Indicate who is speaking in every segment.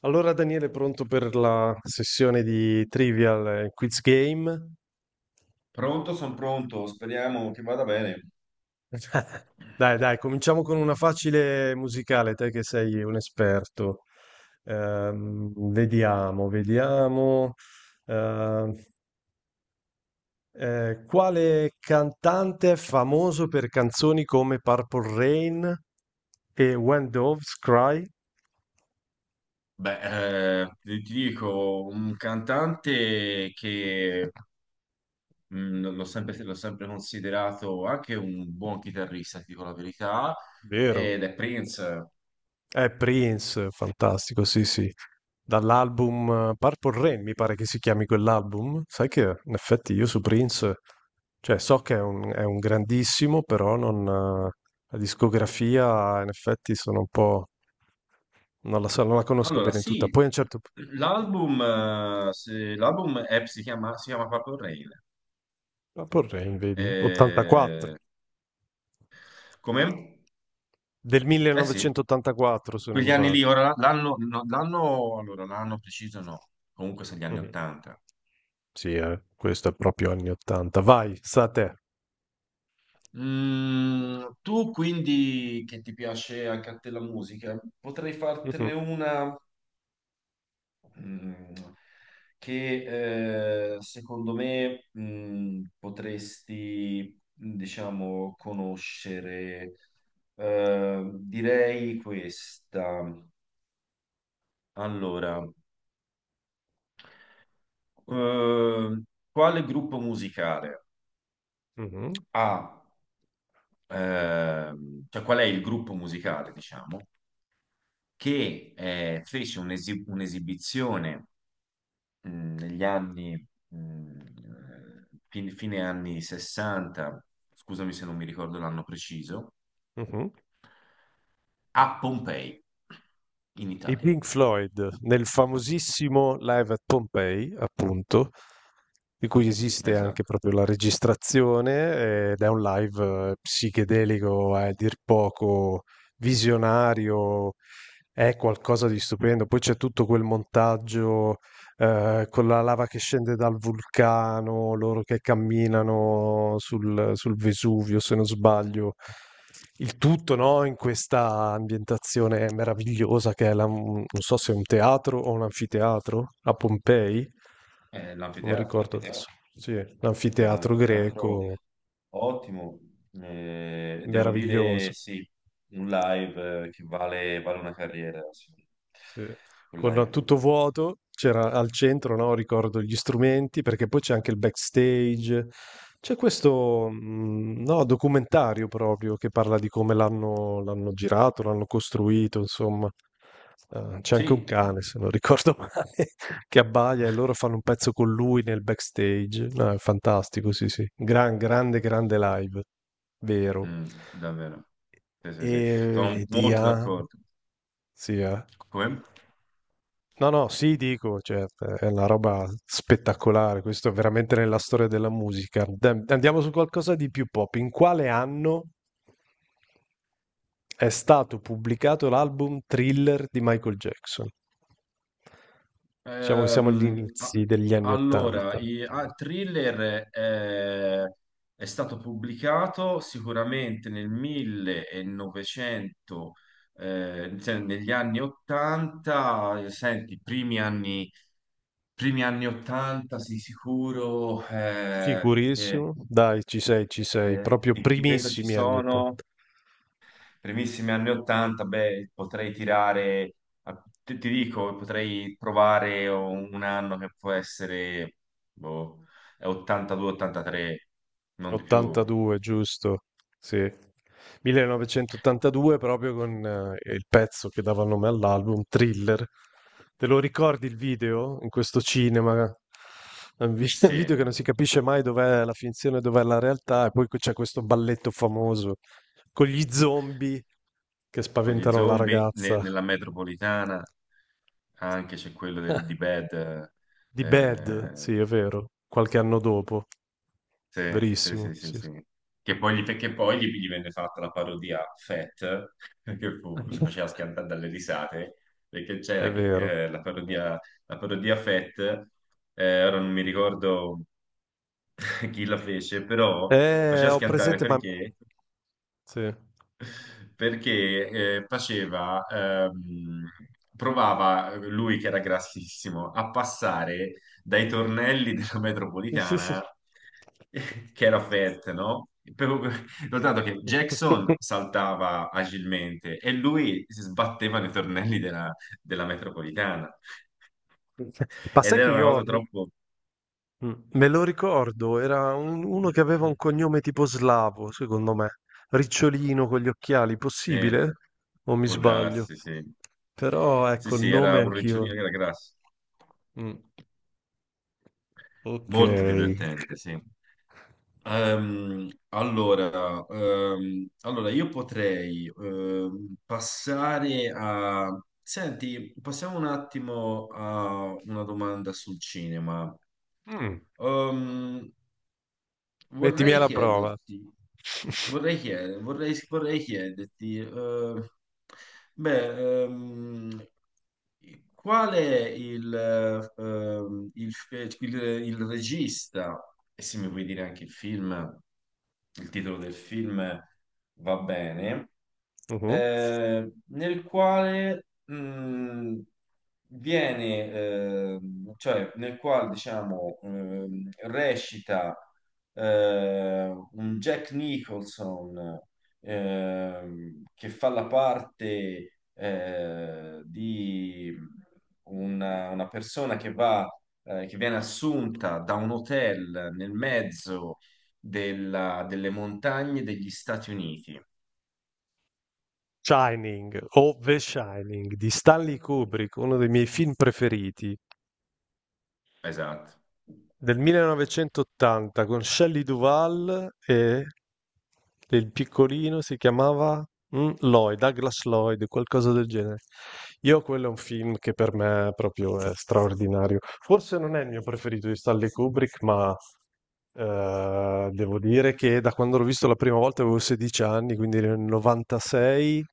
Speaker 1: Allora Daniele, pronto per la sessione di Trivial Quiz Game?
Speaker 2: Pronto, sono pronto, speriamo che vada bene.
Speaker 1: Dai, dai, cominciamo con una facile musicale, te che sei un esperto. Vediamo, vediamo. Ehm, quale cantante è famoso per canzoni come Purple Rain e When Doves Cry?
Speaker 2: Beh, ti dico, un cantante che l'ho sempre considerato anche un buon chitarrista, ti dico la verità,
Speaker 1: Vero.
Speaker 2: ed è Prince.
Speaker 1: È Prince, fantastico, sì, sì. Dall'album Purple Rain, mi pare che si chiami quell'album. Sai che in effetti io su Prince, cioè so che è un grandissimo, però non, la discografia in effetti sono un po', non la so, non la conosco
Speaker 2: Allora,
Speaker 1: bene tutta.
Speaker 2: sì,
Speaker 1: Poi a un certo punto,
Speaker 2: l'album si chiama Purple Rain.
Speaker 1: Purple Rain, vedi, 84,
Speaker 2: Eh, come?
Speaker 1: del
Speaker 2: Eh sì,
Speaker 1: 1984 se non
Speaker 2: quegli anni
Speaker 1: sbaglio.
Speaker 2: lì, ora l'anno, no, l'anno, allora, l'anno preciso no, comunque sono gli anni
Speaker 1: Mhm.
Speaker 2: 80.
Speaker 1: Sì, questo è proprio anni 80. Vai, sta a te.
Speaker 2: Mm, tu quindi che ti piace anche a te la musica, potrei fartene
Speaker 1: Mhm,
Speaker 2: una mm, che secondo me potresti, diciamo, conoscere. Direi questa. Allora, eh, quale gruppo musicale
Speaker 1: mhm,
Speaker 2: ha, cioè qual è il gruppo musicale, diciamo? Che fece un'esibizione mh, negli anni, fine anni 60, scusami se non mi ricordo l'anno preciso,
Speaker 1: mhm.
Speaker 2: a Pompei, in
Speaker 1: I
Speaker 2: Italia.
Speaker 1: Pink Floyd nel famosissimo Live at Pompei, appunto, di cui esiste anche
Speaker 2: Esatto,
Speaker 1: proprio la registrazione, ed è un live psichedelico a dir poco visionario, è qualcosa di stupendo. Poi c'è tutto quel montaggio con la lava che scende dal vulcano, loro che camminano sul Vesuvio, se non sbaglio. Il tutto, no, in questa ambientazione meravigliosa che è non so se è un teatro o un anfiteatro a Pompei,
Speaker 2: è
Speaker 1: non
Speaker 2: l'anfiteatro,
Speaker 1: ricordo adesso. Sì,
Speaker 2: è
Speaker 1: l'anfiteatro
Speaker 2: l'anfiteatro
Speaker 1: greco,
Speaker 2: ottimo, devo
Speaker 1: meraviglioso.
Speaker 2: dire sì, un live che vale, vale una carriera, sì.
Speaker 1: Sì,
Speaker 2: Quel
Speaker 1: con
Speaker 2: live
Speaker 1: tutto
Speaker 2: lì.
Speaker 1: vuoto, c'era al centro, no, ricordo gli strumenti, perché poi c'è anche il backstage. C'è questo, no, documentario proprio che parla di come l'hanno girato, l'hanno costruito, insomma. C'è anche un
Speaker 2: Sì.
Speaker 1: cane, se non ricordo male, che abbaia e loro fanno un pezzo con lui nel backstage. No, è fantastico, sì, sì. Grande, grande live, vero.
Speaker 2: Mm, davvero. Sì, sì,
Speaker 1: E
Speaker 2: sì. Sono
Speaker 1: vedi,
Speaker 2: molto
Speaker 1: ah,
Speaker 2: d'accordo.
Speaker 1: sì, eh.
Speaker 2: Come?
Speaker 1: No, no, sì, dico, cioè, è una roba spettacolare, questo è veramente nella storia della musica. Dai, andiamo su qualcosa di più pop. In quale anno è stato pubblicato l'album Thriller di Michael Jackson? Diciamo che siamo agli
Speaker 2: Ehm, a-
Speaker 1: inizi degli anni
Speaker 2: allora,
Speaker 1: Ottanta.
Speaker 2: Thriller è stato pubblicato sicuramente nel 1900, cioè negli anni 80, senti, primi anni 80 sì, sicuro, che,
Speaker 1: Sicurissimo? Dai, ci sei, proprio
Speaker 2: di questo ci
Speaker 1: primissimi anni
Speaker 2: sono
Speaker 1: Ottanta.
Speaker 2: primissimi anni 80, beh, potrei tirare, ti, ti dico, potrei provare un anno che può essere, boh, 82-83, non di più,
Speaker 1: 82, giusto? Sì. 1982 proprio con il pezzo che dava nome all'album, Thriller. Te lo ricordi il video in questo cinema? Un video che
Speaker 2: sì,
Speaker 1: non si capisce mai dov'è la finzione e dov'è la realtà, e poi c'è questo balletto famoso con gli zombie che
Speaker 2: con gli
Speaker 1: spaventano la
Speaker 2: zombie
Speaker 1: ragazza
Speaker 2: nella metropolitana, anche c'è quello del, di Bad.
Speaker 1: di Bad, sì, è vero, qualche anno dopo,
Speaker 2: Sì, sì,
Speaker 1: verissimo,
Speaker 2: sì, sì,
Speaker 1: sì,
Speaker 2: sì. Che poi gli venne fatta la parodia Fat, che fu, mi
Speaker 1: sì.
Speaker 2: faceva schiantare dalle risate, perché
Speaker 1: È vero.
Speaker 2: la parodia Fat, ora non mi ricordo chi la fece, però faceva
Speaker 1: Ho
Speaker 2: schiantare
Speaker 1: presente, ma
Speaker 2: perché
Speaker 1: sì.
Speaker 2: perché eh, faceva, provava lui che era grassissimo a passare dai tornelli della
Speaker 1: Sì, sì, sì.
Speaker 2: metropolitana, che era fette, no? Per- Notato che Jackson saltava agilmente e lui si sbatteva nei tornelli della, della metropolitana
Speaker 1: Ma
Speaker 2: ed
Speaker 1: sai che
Speaker 2: era una
Speaker 1: io
Speaker 2: cosa
Speaker 1: me...
Speaker 2: troppo...
Speaker 1: Mm, me lo ricordo, era uno che aveva un cognome tipo slavo, secondo me. Ricciolino con gli occhiali,
Speaker 2: Eh,
Speaker 1: possibile? O mi
Speaker 2: può
Speaker 1: sbaglio?
Speaker 2: darsi, sì.
Speaker 1: Però
Speaker 2: Sì,
Speaker 1: ecco, il
Speaker 2: sì, era
Speaker 1: nome
Speaker 2: un
Speaker 1: anch'io.
Speaker 2: ricciolino che era grasso.
Speaker 1: Mm, ok.
Speaker 2: Molto divertente, sì. Allora, io potrei passare a... Senti, passiamo un attimo a una domanda sul cinema.
Speaker 1: Mm,
Speaker 2: Ehm,
Speaker 1: mettimi
Speaker 2: Vorrei
Speaker 1: alla prova.
Speaker 2: chiederti, vorrei chiederti, beh, qual è il, ehm, il, il regista, e se mi puoi dire anche il film, il titolo del film va bene,
Speaker 1: Mh-mh.
Speaker 2: nel quale viene, cioè nel quale diciamo recita un Jack Nicholson, che fa la parte di una persona che va, che viene assunta da un hotel nel mezzo delle montagne degli Stati Uniti.
Speaker 1: Shining o The Shining di Stanley Kubrick, uno dei miei film preferiti,
Speaker 2: Esatto.
Speaker 1: del 1980 con Shelley Duvall e il piccolino si chiamava, Lloyd, Douglas Lloyd, qualcosa del genere. Io quello è un film che per me proprio è straordinario. Forse non è il mio preferito di Stanley Kubrick, ma, devo dire che da quando l'ho visto la prima volta avevo 16 anni, quindi nel 96.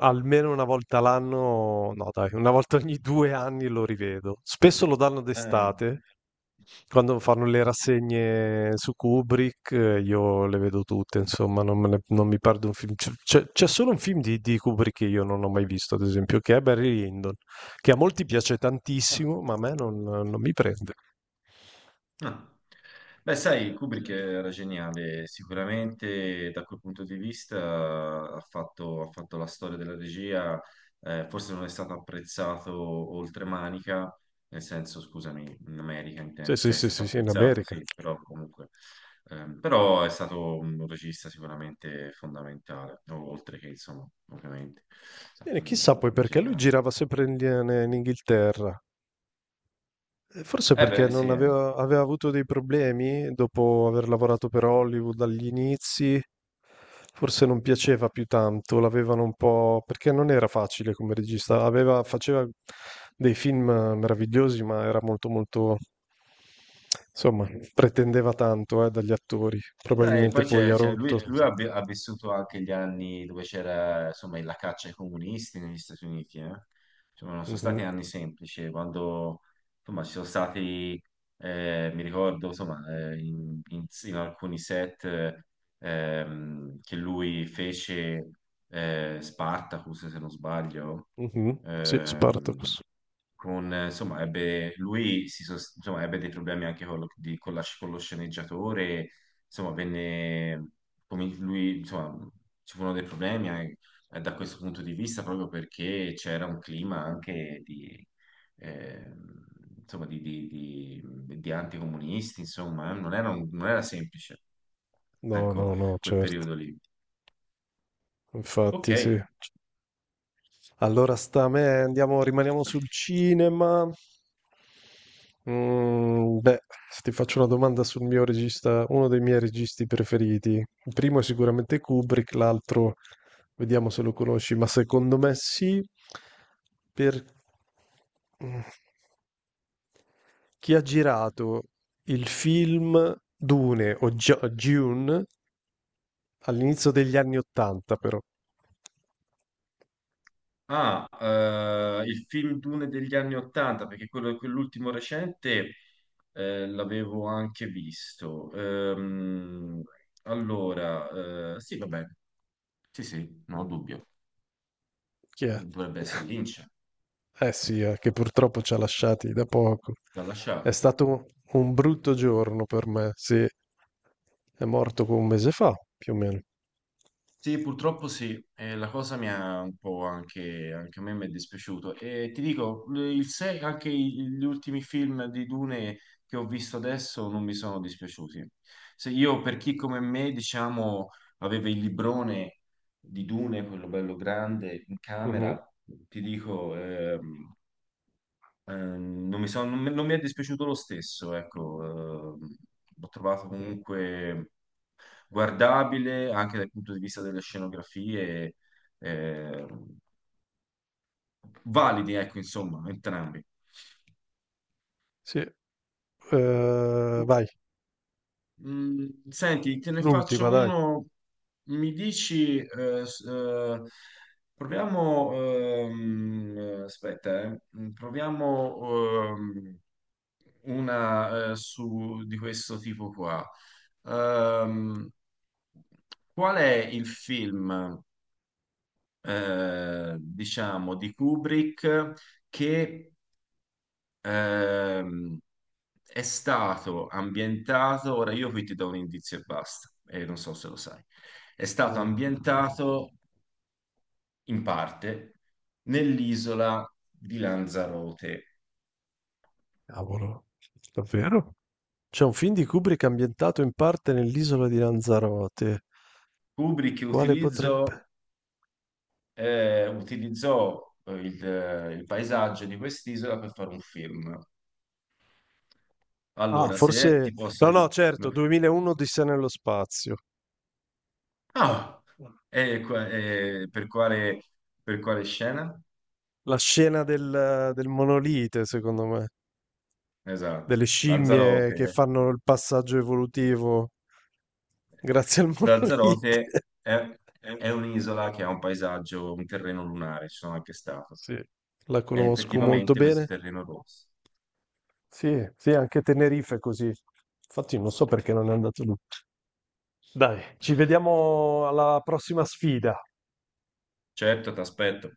Speaker 1: Almeno una volta l'anno, no dai, una volta ogni due anni lo rivedo. Spesso lo danno
Speaker 2: Eh,
Speaker 1: d'estate, quando fanno le rassegne su Kubrick, io le vedo tutte, insomma, non, me ne- non mi perdo un film. C'è solo un film di Kubrick che io non ho mai visto, ad esempio, che è Barry Lyndon, che a molti piace
Speaker 2: ah,
Speaker 1: tantissimo, ma a me non mi prende.
Speaker 2: ah. Beh, sai, Kubrick era geniale, sicuramente da quel punto di vista ha fatto la storia della regia, forse non è stato apprezzato oltre manica, nel senso, scusami, in America
Speaker 1: Sì,
Speaker 2: intendo,
Speaker 1: sì,
Speaker 2: cioè è
Speaker 1: sì,
Speaker 2: stato
Speaker 1: sì, sì, in
Speaker 2: apprezzato,
Speaker 1: America.
Speaker 2: sì, però comunque, però è stato un regista sicuramente fondamentale, oltre che, insomma, ovviamente,
Speaker 1: Sì, chissà poi
Speaker 2: mm,
Speaker 1: perché lui
Speaker 2: geniale.
Speaker 1: girava sempre in Inghilterra. Forse
Speaker 2: Eh
Speaker 1: perché
Speaker 2: beh, sì,
Speaker 1: non
Speaker 2: eh.
Speaker 1: aveva, aveva avuto dei problemi dopo aver lavorato per Hollywood dagli inizi, forse non piaceva più tanto, l'avevano un po'. Perché non era facile come regista, aveva, faceva dei film meravigliosi, ma era molto... insomma, pretendeva tanto, dagli attori,
Speaker 2: Sai,
Speaker 1: probabilmente
Speaker 2: poi
Speaker 1: poi ha
Speaker 2: lui,
Speaker 1: rotto.
Speaker 2: lui ha, ha vissuto anche gli anni dove c'era insomma la caccia ai comunisti negli Stati Uniti, eh. Insomma, non sono
Speaker 1: Mhm,
Speaker 2: stati anni semplici, quando insomma ci sono stati, mi ricordo insomma, in alcuni set che lui fece Spartacus, se non sbaglio,
Speaker 1: mhm, sì,
Speaker 2: ehm,
Speaker 1: Spartacus.
Speaker 2: con, insomma, ebbe, insomma, ebbe dei problemi anche con lo, con lo sceneggiatore insomma, venne, come lui, insomma, ci furono dei problemi da questo punto di vista proprio perché c'era un clima anche di, ehm, insomma, di anticomunisti, insomma, non era semplice,
Speaker 1: No,
Speaker 2: ecco,
Speaker 1: no, no,
Speaker 2: quel
Speaker 1: certo,
Speaker 2: periodo lì. Ok.
Speaker 1: infatti sì. Allora sta a me, andiamo, rimaniamo sul cinema. Mm, beh, ti faccio una domanda sul mio regista, uno dei miei registi preferiti. Il primo è sicuramente Kubrick, l'altro vediamo se lo conosci, ma secondo me sì, per mm, chi ha girato il film Dune all'inizio degli anni Ottanta, però.
Speaker 2: Ah, il film Dune degli anni Ottanta, perché quello, quell'ultimo recente l'avevo anche visto. Allora, sì, vabbè, sì, sì, non ho dubbio.
Speaker 1: Chi è?
Speaker 2: Dovrebbe essere Lynch
Speaker 1: Eh sì, che purtroppo ci ha lasciati da poco.
Speaker 2: da
Speaker 1: È
Speaker 2: lasciare.
Speaker 1: stato un brutto giorno per me, sì. È morto un mese fa, più o meno.
Speaker 2: Sì, purtroppo sì, e la cosa mi ha un po' anche, anche a me mi è dispiaciuto. E ti dico, il se- anche gli ultimi film di Dune che ho visto adesso non mi sono dispiaciuti. Se io, per chi come me, diciamo, aveva il librone di Dune, quello bello grande, in camera,
Speaker 1: Mhm.
Speaker 2: ti dico, eh, non mi è dispiaciuto lo stesso, ecco, l'ho trovato
Speaker 1: Mhm.
Speaker 2: comunque guardabile anche dal punto di vista delle scenografie, eh, validi, ecco, insomma, entrambi.
Speaker 1: Sì, vai,
Speaker 2: Mm, senti, te ne faccio
Speaker 1: l'ultima, dai.
Speaker 2: uno. Mi dici, proviamo, aspetta, mm, proviamo ehm, una su, di questo tipo qua. Ehm, qual è il film, diciamo, di Kubrick che Ehm, è stato ambientato, ora io qui ti do un indizio e basta, e non so se lo sai. È stato
Speaker 1: Mm.
Speaker 2: ambientato in parte nell'isola di Lanzarote.
Speaker 1: Cavolo, davvero? C'è un film di Kubrick ambientato in parte nell'isola di Lanzarote.
Speaker 2: Kubrick
Speaker 1: Quale
Speaker 2: utilizzò,
Speaker 1: potrebbe...
Speaker 2: utilizzò il paesaggio di quest'isola per fare un film.
Speaker 1: Ah,
Speaker 2: Allora, se
Speaker 1: forse...
Speaker 2: ti posso
Speaker 1: No, no, certo,
Speaker 2: aiutare...
Speaker 1: 2001 Odissea nello spazio.
Speaker 2: Ah! E e per quale scena?
Speaker 1: La scena del monolite, secondo me,
Speaker 2: Esatto,
Speaker 1: delle scimmie che
Speaker 2: Lanzarote.
Speaker 1: fanno il passaggio evolutivo grazie al monolite.
Speaker 2: Lanzarote è un'isola che ha un paesaggio, un terreno lunare, ci sono anche stato.
Speaker 1: Sì, la
Speaker 2: È
Speaker 1: conosco molto
Speaker 2: effettivamente questo
Speaker 1: bene.
Speaker 2: terreno rosso.
Speaker 1: Sì, sì, anche Tenerife è così. Infatti non so perché non è andato lì. Dai, ci vediamo alla prossima sfida.
Speaker 2: Certo, ti aspetto.